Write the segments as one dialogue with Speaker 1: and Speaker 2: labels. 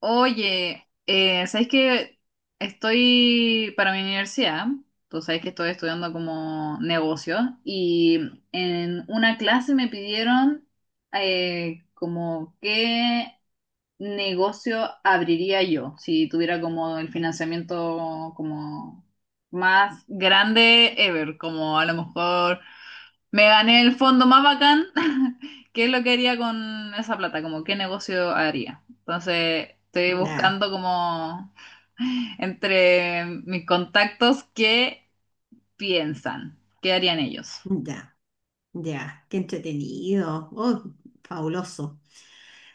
Speaker 1: Oye, ¿sabes que estoy para mi universidad, tú sabes que estoy estudiando como negocios y en una clase me pidieron como qué negocio abriría yo si tuviera como el financiamiento como más grande ever, como a lo mejor me gané el fondo más bacán. ¿Qué es lo que haría con esa plata? Como qué negocio haría. Entonces, estoy
Speaker 2: Ya,
Speaker 1: buscando como entre mis contactos qué piensan, qué harían ellos.
Speaker 2: ya, ya, qué entretenido, oh, fabuloso.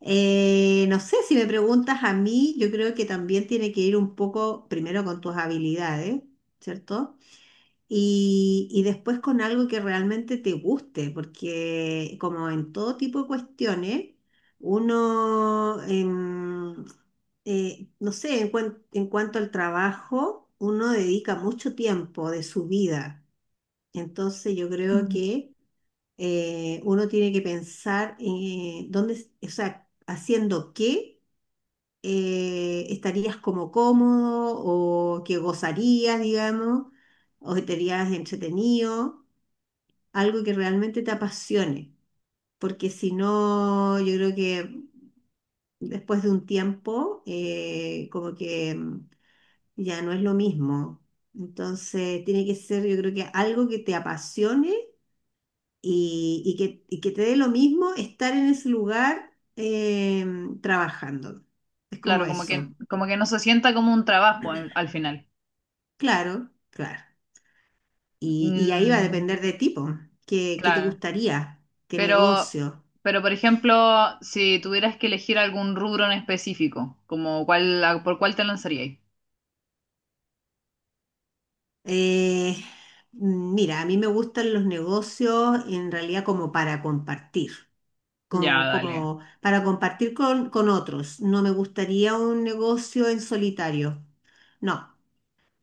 Speaker 2: No sé, si me preguntas a mí, yo creo que también tiene que ir un poco primero con tus habilidades, ¿cierto? Y después con algo que realmente te guste, porque como en todo tipo de cuestiones, uno, no sé, en cuanto al trabajo, uno dedica mucho tiempo de su vida. Entonces yo creo que uno tiene que pensar dónde, o sea, haciendo qué estarías como cómodo o que gozarías, digamos, o estarías entretenido, algo que realmente te apasione, porque si no, yo creo que después de un tiempo, como que ya no es lo mismo. Entonces, tiene que ser, yo creo que algo que te apasione y que te dé lo mismo estar en ese lugar trabajando. Es como
Speaker 1: Claro,
Speaker 2: eso.
Speaker 1: como que no se sienta como un trabajo al, al final.
Speaker 2: Claro, claro. Y ahí va a
Speaker 1: Mm,
Speaker 2: depender de tipo. ¿Qué te
Speaker 1: claro.
Speaker 2: gustaría? ¿Qué
Speaker 1: Pero,
Speaker 2: negocio?
Speaker 1: pero por ejemplo, si tuvieras que elegir algún rubro en específico, como cuál, por cuál te lanzarías.
Speaker 2: Eh, Mira, a mí me gustan los negocios en realidad como para compartir.
Speaker 1: Ya, dale.
Speaker 2: Como para compartir con otros. No me gustaría un negocio en solitario. No.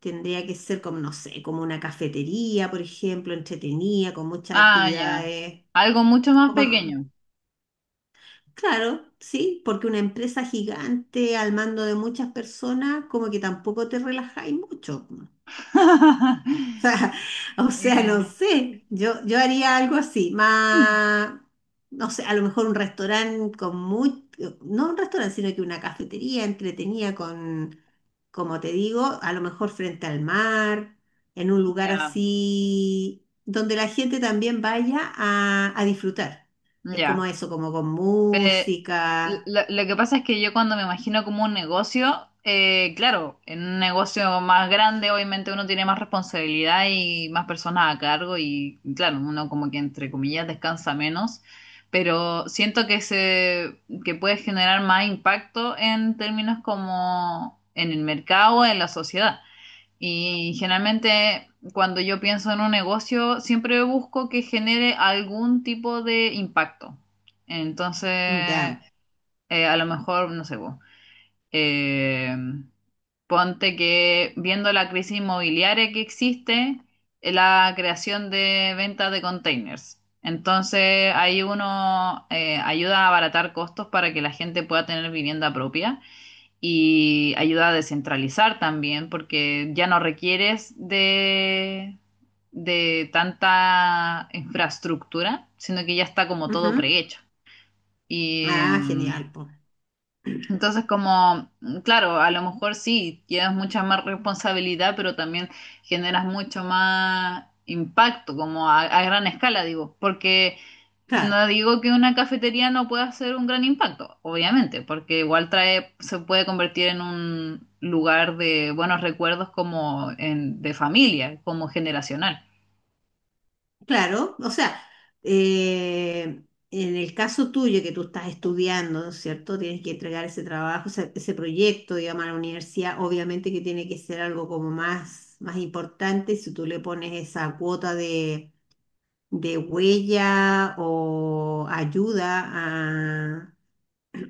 Speaker 2: Tendría que ser como, no sé, como una cafetería, por ejemplo, entretenida, con muchas
Speaker 1: Ah, ya.
Speaker 2: actividades.
Speaker 1: Algo mucho más
Speaker 2: Como,
Speaker 1: pequeño.
Speaker 2: claro, sí, porque una empresa gigante al mando de muchas personas, como que tampoco te relajáis mucho. O sea, o sea, no
Speaker 1: Eh,
Speaker 2: sé, yo haría algo así, más, no sé, a lo mejor un restaurante con muy, no un restaurante, sino que una cafetería entretenida con como te digo, a lo mejor frente al mar, en un lugar
Speaker 1: ya,
Speaker 2: así donde la gente también vaya a disfrutar. Es
Speaker 1: ya.
Speaker 2: como eso, como con
Speaker 1: Pe-
Speaker 2: música.
Speaker 1: lo que pasa es que yo cuando me imagino como un negocio, claro, en un negocio más grande obviamente uno tiene más responsabilidad y más personas a cargo y claro, uno como que entre comillas descansa menos, pero siento que se que puede generar más impacto en términos como en el mercado, en la sociedad. Y generalmente cuando yo pienso en un negocio, siempre busco que genere algún tipo de impacto. Entonces,
Speaker 2: Ya,
Speaker 1: a lo mejor, no sé, po, eh, ponte que viendo la crisis inmobiliaria que existe, la creación de ventas de containers. Entonces, ahí uno ayuda a abaratar costos para que la gente pueda tener vivienda propia y ayuda a descentralizar también, porque ya no requieres de tanta infraestructura, sino que ya está como todo
Speaker 2: ujú.
Speaker 1: prehecho. Y
Speaker 2: Ah, genial, pues.
Speaker 1: entonces, como, claro, a lo mejor sí, llevas mucha más responsabilidad, pero también generas mucho más impacto, como a gran escala, digo, porque
Speaker 2: Claro,
Speaker 1: no digo que una cafetería no pueda hacer un gran impacto, obviamente, porque igual trae, se puede convertir en un lugar de buenos recuerdos como en, de familia, como generacional.
Speaker 2: claro. O sea, eh, en el caso tuyo que tú estás estudiando, ¿no es cierto? Tienes que entregar ese trabajo, ese proyecto, digamos, a la universidad. Obviamente que tiene que ser algo como más, más importante. Si tú le pones esa cuota de huella o ayuda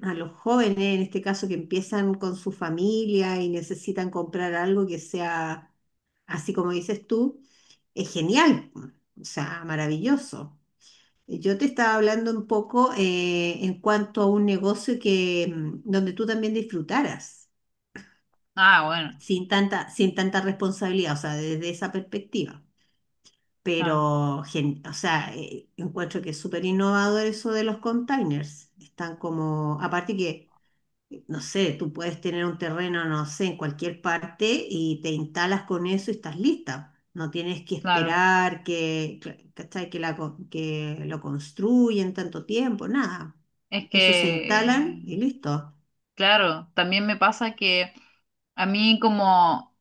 Speaker 2: a los jóvenes, en este caso que empiezan con su familia y necesitan comprar algo que sea así como dices tú, es genial, pues, o sea, maravilloso. Yo te estaba hablando un poco en cuanto a un negocio que, donde tú también disfrutaras,
Speaker 1: Ah, bueno,
Speaker 2: sin tanta, sin tanta responsabilidad, o sea, desde esa perspectiva.
Speaker 1: ah,
Speaker 2: Pero, o sea, encuentro que es súper innovador eso de los containers. Están como, aparte que, no sé, tú puedes tener un terreno, no sé, en cualquier parte y te instalas con eso y estás lista. No tienes que
Speaker 1: claro.
Speaker 2: esperar que, ¿cachai? Que, que lo construyen tanto tiempo, nada.
Speaker 1: Es
Speaker 2: Eso se instalan y
Speaker 1: que,
Speaker 2: listo.
Speaker 1: claro, también me pasa que a mí como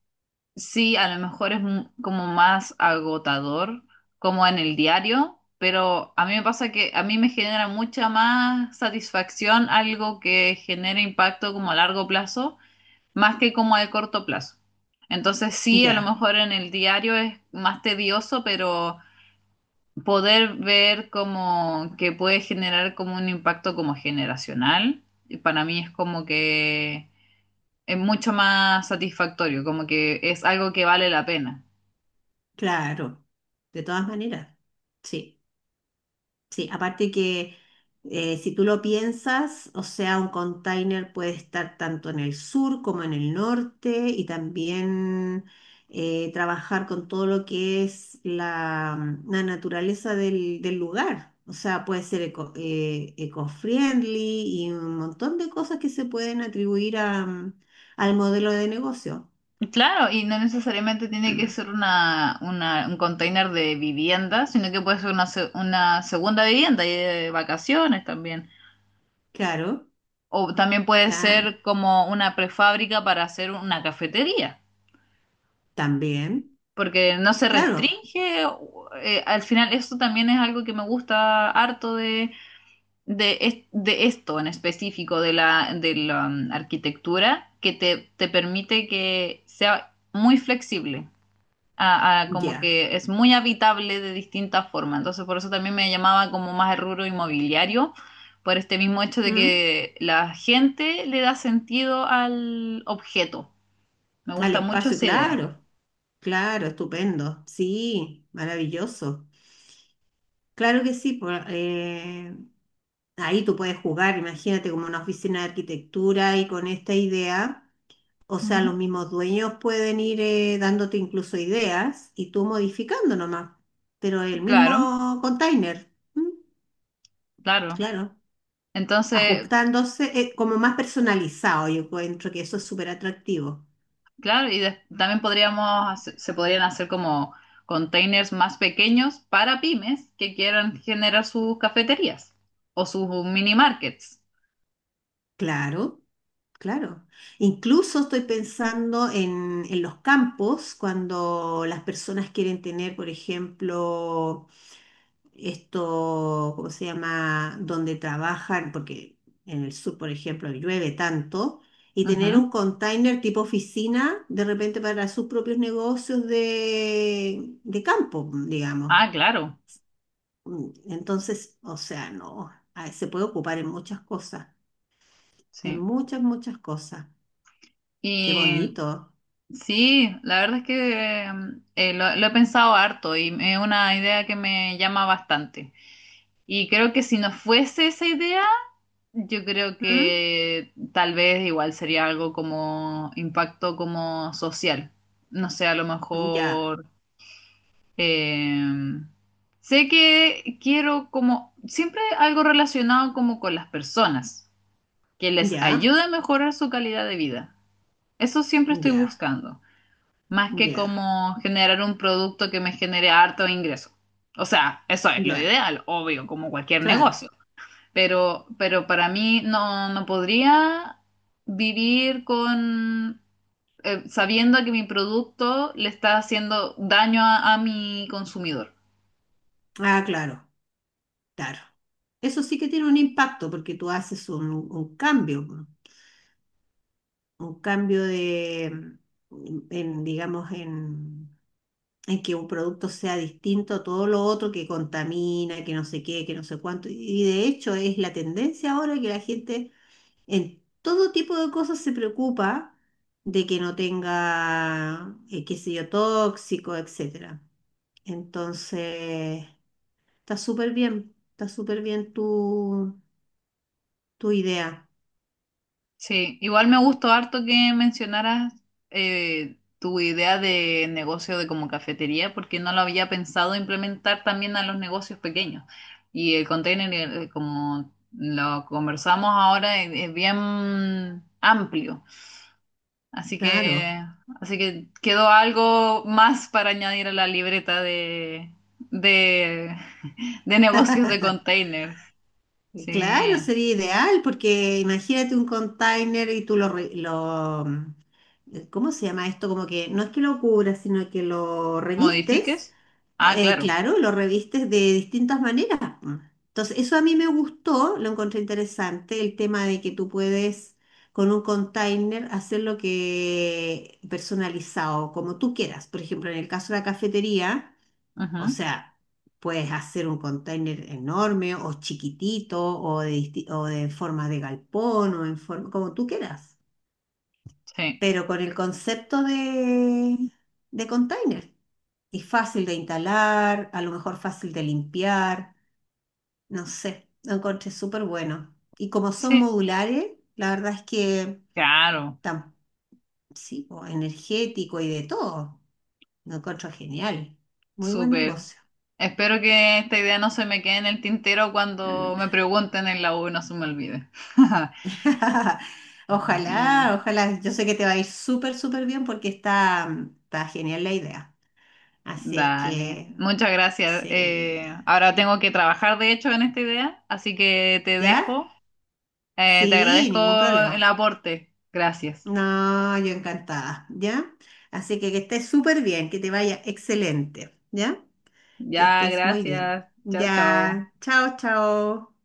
Speaker 1: sí, a lo mejor es como más agotador, como en el diario, pero a mí me pasa que a mí me genera mucha más satisfacción algo que genere impacto como a largo plazo, más que como a corto plazo. Entonces sí, a lo
Speaker 2: Ya,
Speaker 1: mejor en el diario es más tedioso, pero poder ver como que puede generar como un impacto como generacional, y para mí es como que es mucho más satisfactorio, como que es algo que vale la pena.
Speaker 2: claro. De todas maneras, sí. Sí, aparte que si tú lo piensas, o sea, un container puede estar tanto en el sur como en el norte y también trabajar con todo lo que es la, la naturaleza del, del lugar. O sea, puede ser eco, eco-friendly y un montón de cosas que se pueden atribuir a, al modelo de negocio.
Speaker 1: Claro, y no necesariamente tiene que ser una, un container de vivienda, sino que puede ser una, una segunda vivienda y de vacaciones también.
Speaker 2: Claro,
Speaker 1: O también puede
Speaker 2: ta-
Speaker 1: ser como una prefábrica para hacer una cafetería,
Speaker 2: también.
Speaker 1: porque no se
Speaker 2: Claro,
Speaker 1: restringe. Al final, eso también es algo que me gusta harto de, de esto en específico, de la arquitectura, que te permite que sea muy flexible. A como
Speaker 2: ya.
Speaker 1: que es muy habitable de distintas formas. Entonces, por eso también me llamaba como más el rubro inmobiliario, por este mismo hecho de
Speaker 2: ¿Mm?
Speaker 1: que la gente le da sentido al objeto. Me
Speaker 2: Al
Speaker 1: gusta mucho
Speaker 2: espacio,
Speaker 1: esa idea.
Speaker 2: claro. Claro, estupendo. Sí, maravilloso. Claro que sí, ahí tú puedes jugar, imagínate como una oficina de arquitectura y con esta idea, o sea,
Speaker 1: Ujú.
Speaker 2: los mismos dueños pueden ir dándote incluso ideas y tú modificando nomás, pero el
Speaker 1: Claro,
Speaker 2: mismo container, ¿m?
Speaker 1: claro.
Speaker 2: Claro,
Speaker 1: Entonces,
Speaker 2: ajustándose como más personalizado, yo encuentro que eso es súper atractivo.
Speaker 1: claro, y también podríamos, se podrían hacer como containers más pequeños para pymes que quieran generar sus cafeterías o sus mini markets.
Speaker 2: Claro, claro. Incluso estoy pensando en los campos, cuando las personas quieren tener, por ejemplo, esto, ¿cómo se llama? Donde trabajan, porque en el sur, por ejemplo, llueve tanto, y tener un
Speaker 1: Ujú.
Speaker 2: container tipo oficina, de repente para sus propios negocios de campo, digamos.
Speaker 1: Ah, claro,
Speaker 2: Mm, entonces, o sea, no, ah, se puede ocupar en muchas cosas, en
Speaker 1: sí.
Speaker 2: muchas, muchas cosas. Qué
Speaker 1: Y
Speaker 2: bonito.
Speaker 1: sí, la verdad es que lo he pensado harto y es una idea que me llama bastante. Y creo que si no fuese esa idea, yo creo
Speaker 2: ¿Mm?
Speaker 1: que tal vez igual sería algo como impacto como social. No sé, a lo
Speaker 2: Ya,
Speaker 1: mejor eh, sé que quiero como siempre algo relacionado como con las personas, que les
Speaker 2: ya,
Speaker 1: ayude a mejorar su calidad de vida. Eso siempre estoy
Speaker 2: ya,
Speaker 1: buscando, más que
Speaker 2: ya,
Speaker 1: como generar un producto que me genere harto ingreso. O sea, eso es lo
Speaker 2: ya.
Speaker 1: ideal, obvio, como cualquier
Speaker 2: Claro.
Speaker 1: negocio. Pero para mí no, no podría vivir con sabiendo que mi producto le está haciendo daño a mi consumidor.
Speaker 2: Ah, claro, claro. Eso sí que tiene un impacto porque tú haces un cambio de, en, digamos, en que un producto sea distinto a todo lo otro que contamina, que no sé qué, que no sé cuánto. Y de hecho es la tendencia ahora que la gente en todo tipo de cosas se preocupa de que no tenga, qué sé yo, tóxico, etcétera. Entonces, está súper bien tu, tu idea.
Speaker 1: Sí, igual me gustó harto que mencionaras tu idea de negocio de como cafetería, porque no lo había pensado implementar también a los negocios pequeños. Y el container, como lo conversamos ahora, es bien amplio. Así
Speaker 2: Claro.
Speaker 1: que, así que quedó algo más para añadir a la libreta de, de negocios de containers.
Speaker 2: Claro,
Speaker 1: Sí,
Speaker 2: sería ideal, porque imagínate un container y tú lo, ¿cómo se llama esto? Como que no es que lo cubras, sino que lo revistes,
Speaker 1: modifiques. Ah, claro.
Speaker 2: claro, lo revistes de distintas maneras, po. Entonces, eso a mí me gustó, lo encontré interesante, el tema de que tú puedes con un container hacer lo que personalizado, como tú quieras. Por ejemplo, en el caso de la cafetería, o
Speaker 1: Ujú,
Speaker 2: sea, puedes hacer un container enorme o chiquitito o de, o de forma de galpón o en forma, como tú quieras
Speaker 1: sí.
Speaker 2: pero con el concepto de container. Y fácil de instalar, a lo mejor fácil de limpiar, no sé, lo encontré súper bueno. Y como son
Speaker 1: Sí,
Speaker 2: modulares, la verdad es que
Speaker 1: claro,
Speaker 2: tan, sí, po, energético y de todo, lo encuentro genial. Muy buen
Speaker 1: súper.
Speaker 2: negocio.
Speaker 1: Espero que esta idea no se me quede en el tintero cuando me pregunten en la U y no se me olvide. Mm,
Speaker 2: Ojalá, ojalá, yo sé que te va a ir súper, súper bien porque está, está genial la idea. Así es
Speaker 1: dale,
Speaker 2: que,
Speaker 1: muchas gracias.
Speaker 2: sí.
Speaker 1: Ahora tengo que trabajar, de hecho, en esta idea, así que te
Speaker 2: ¿Ya?
Speaker 1: dejo. Te
Speaker 2: Sí,
Speaker 1: agradezco
Speaker 2: ningún
Speaker 1: el
Speaker 2: problema.
Speaker 1: aporte. Gracias.
Speaker 2: No, yo encantada, ¿ya? Así que estés súper bien, que te vaya excelente, ¿ya? Que
Speaker 1: Ya,
Speaker 2: estés muy bien.
Speaker 1: gracias. Chao, chao.
Speaker 2: Ya, chao, chao.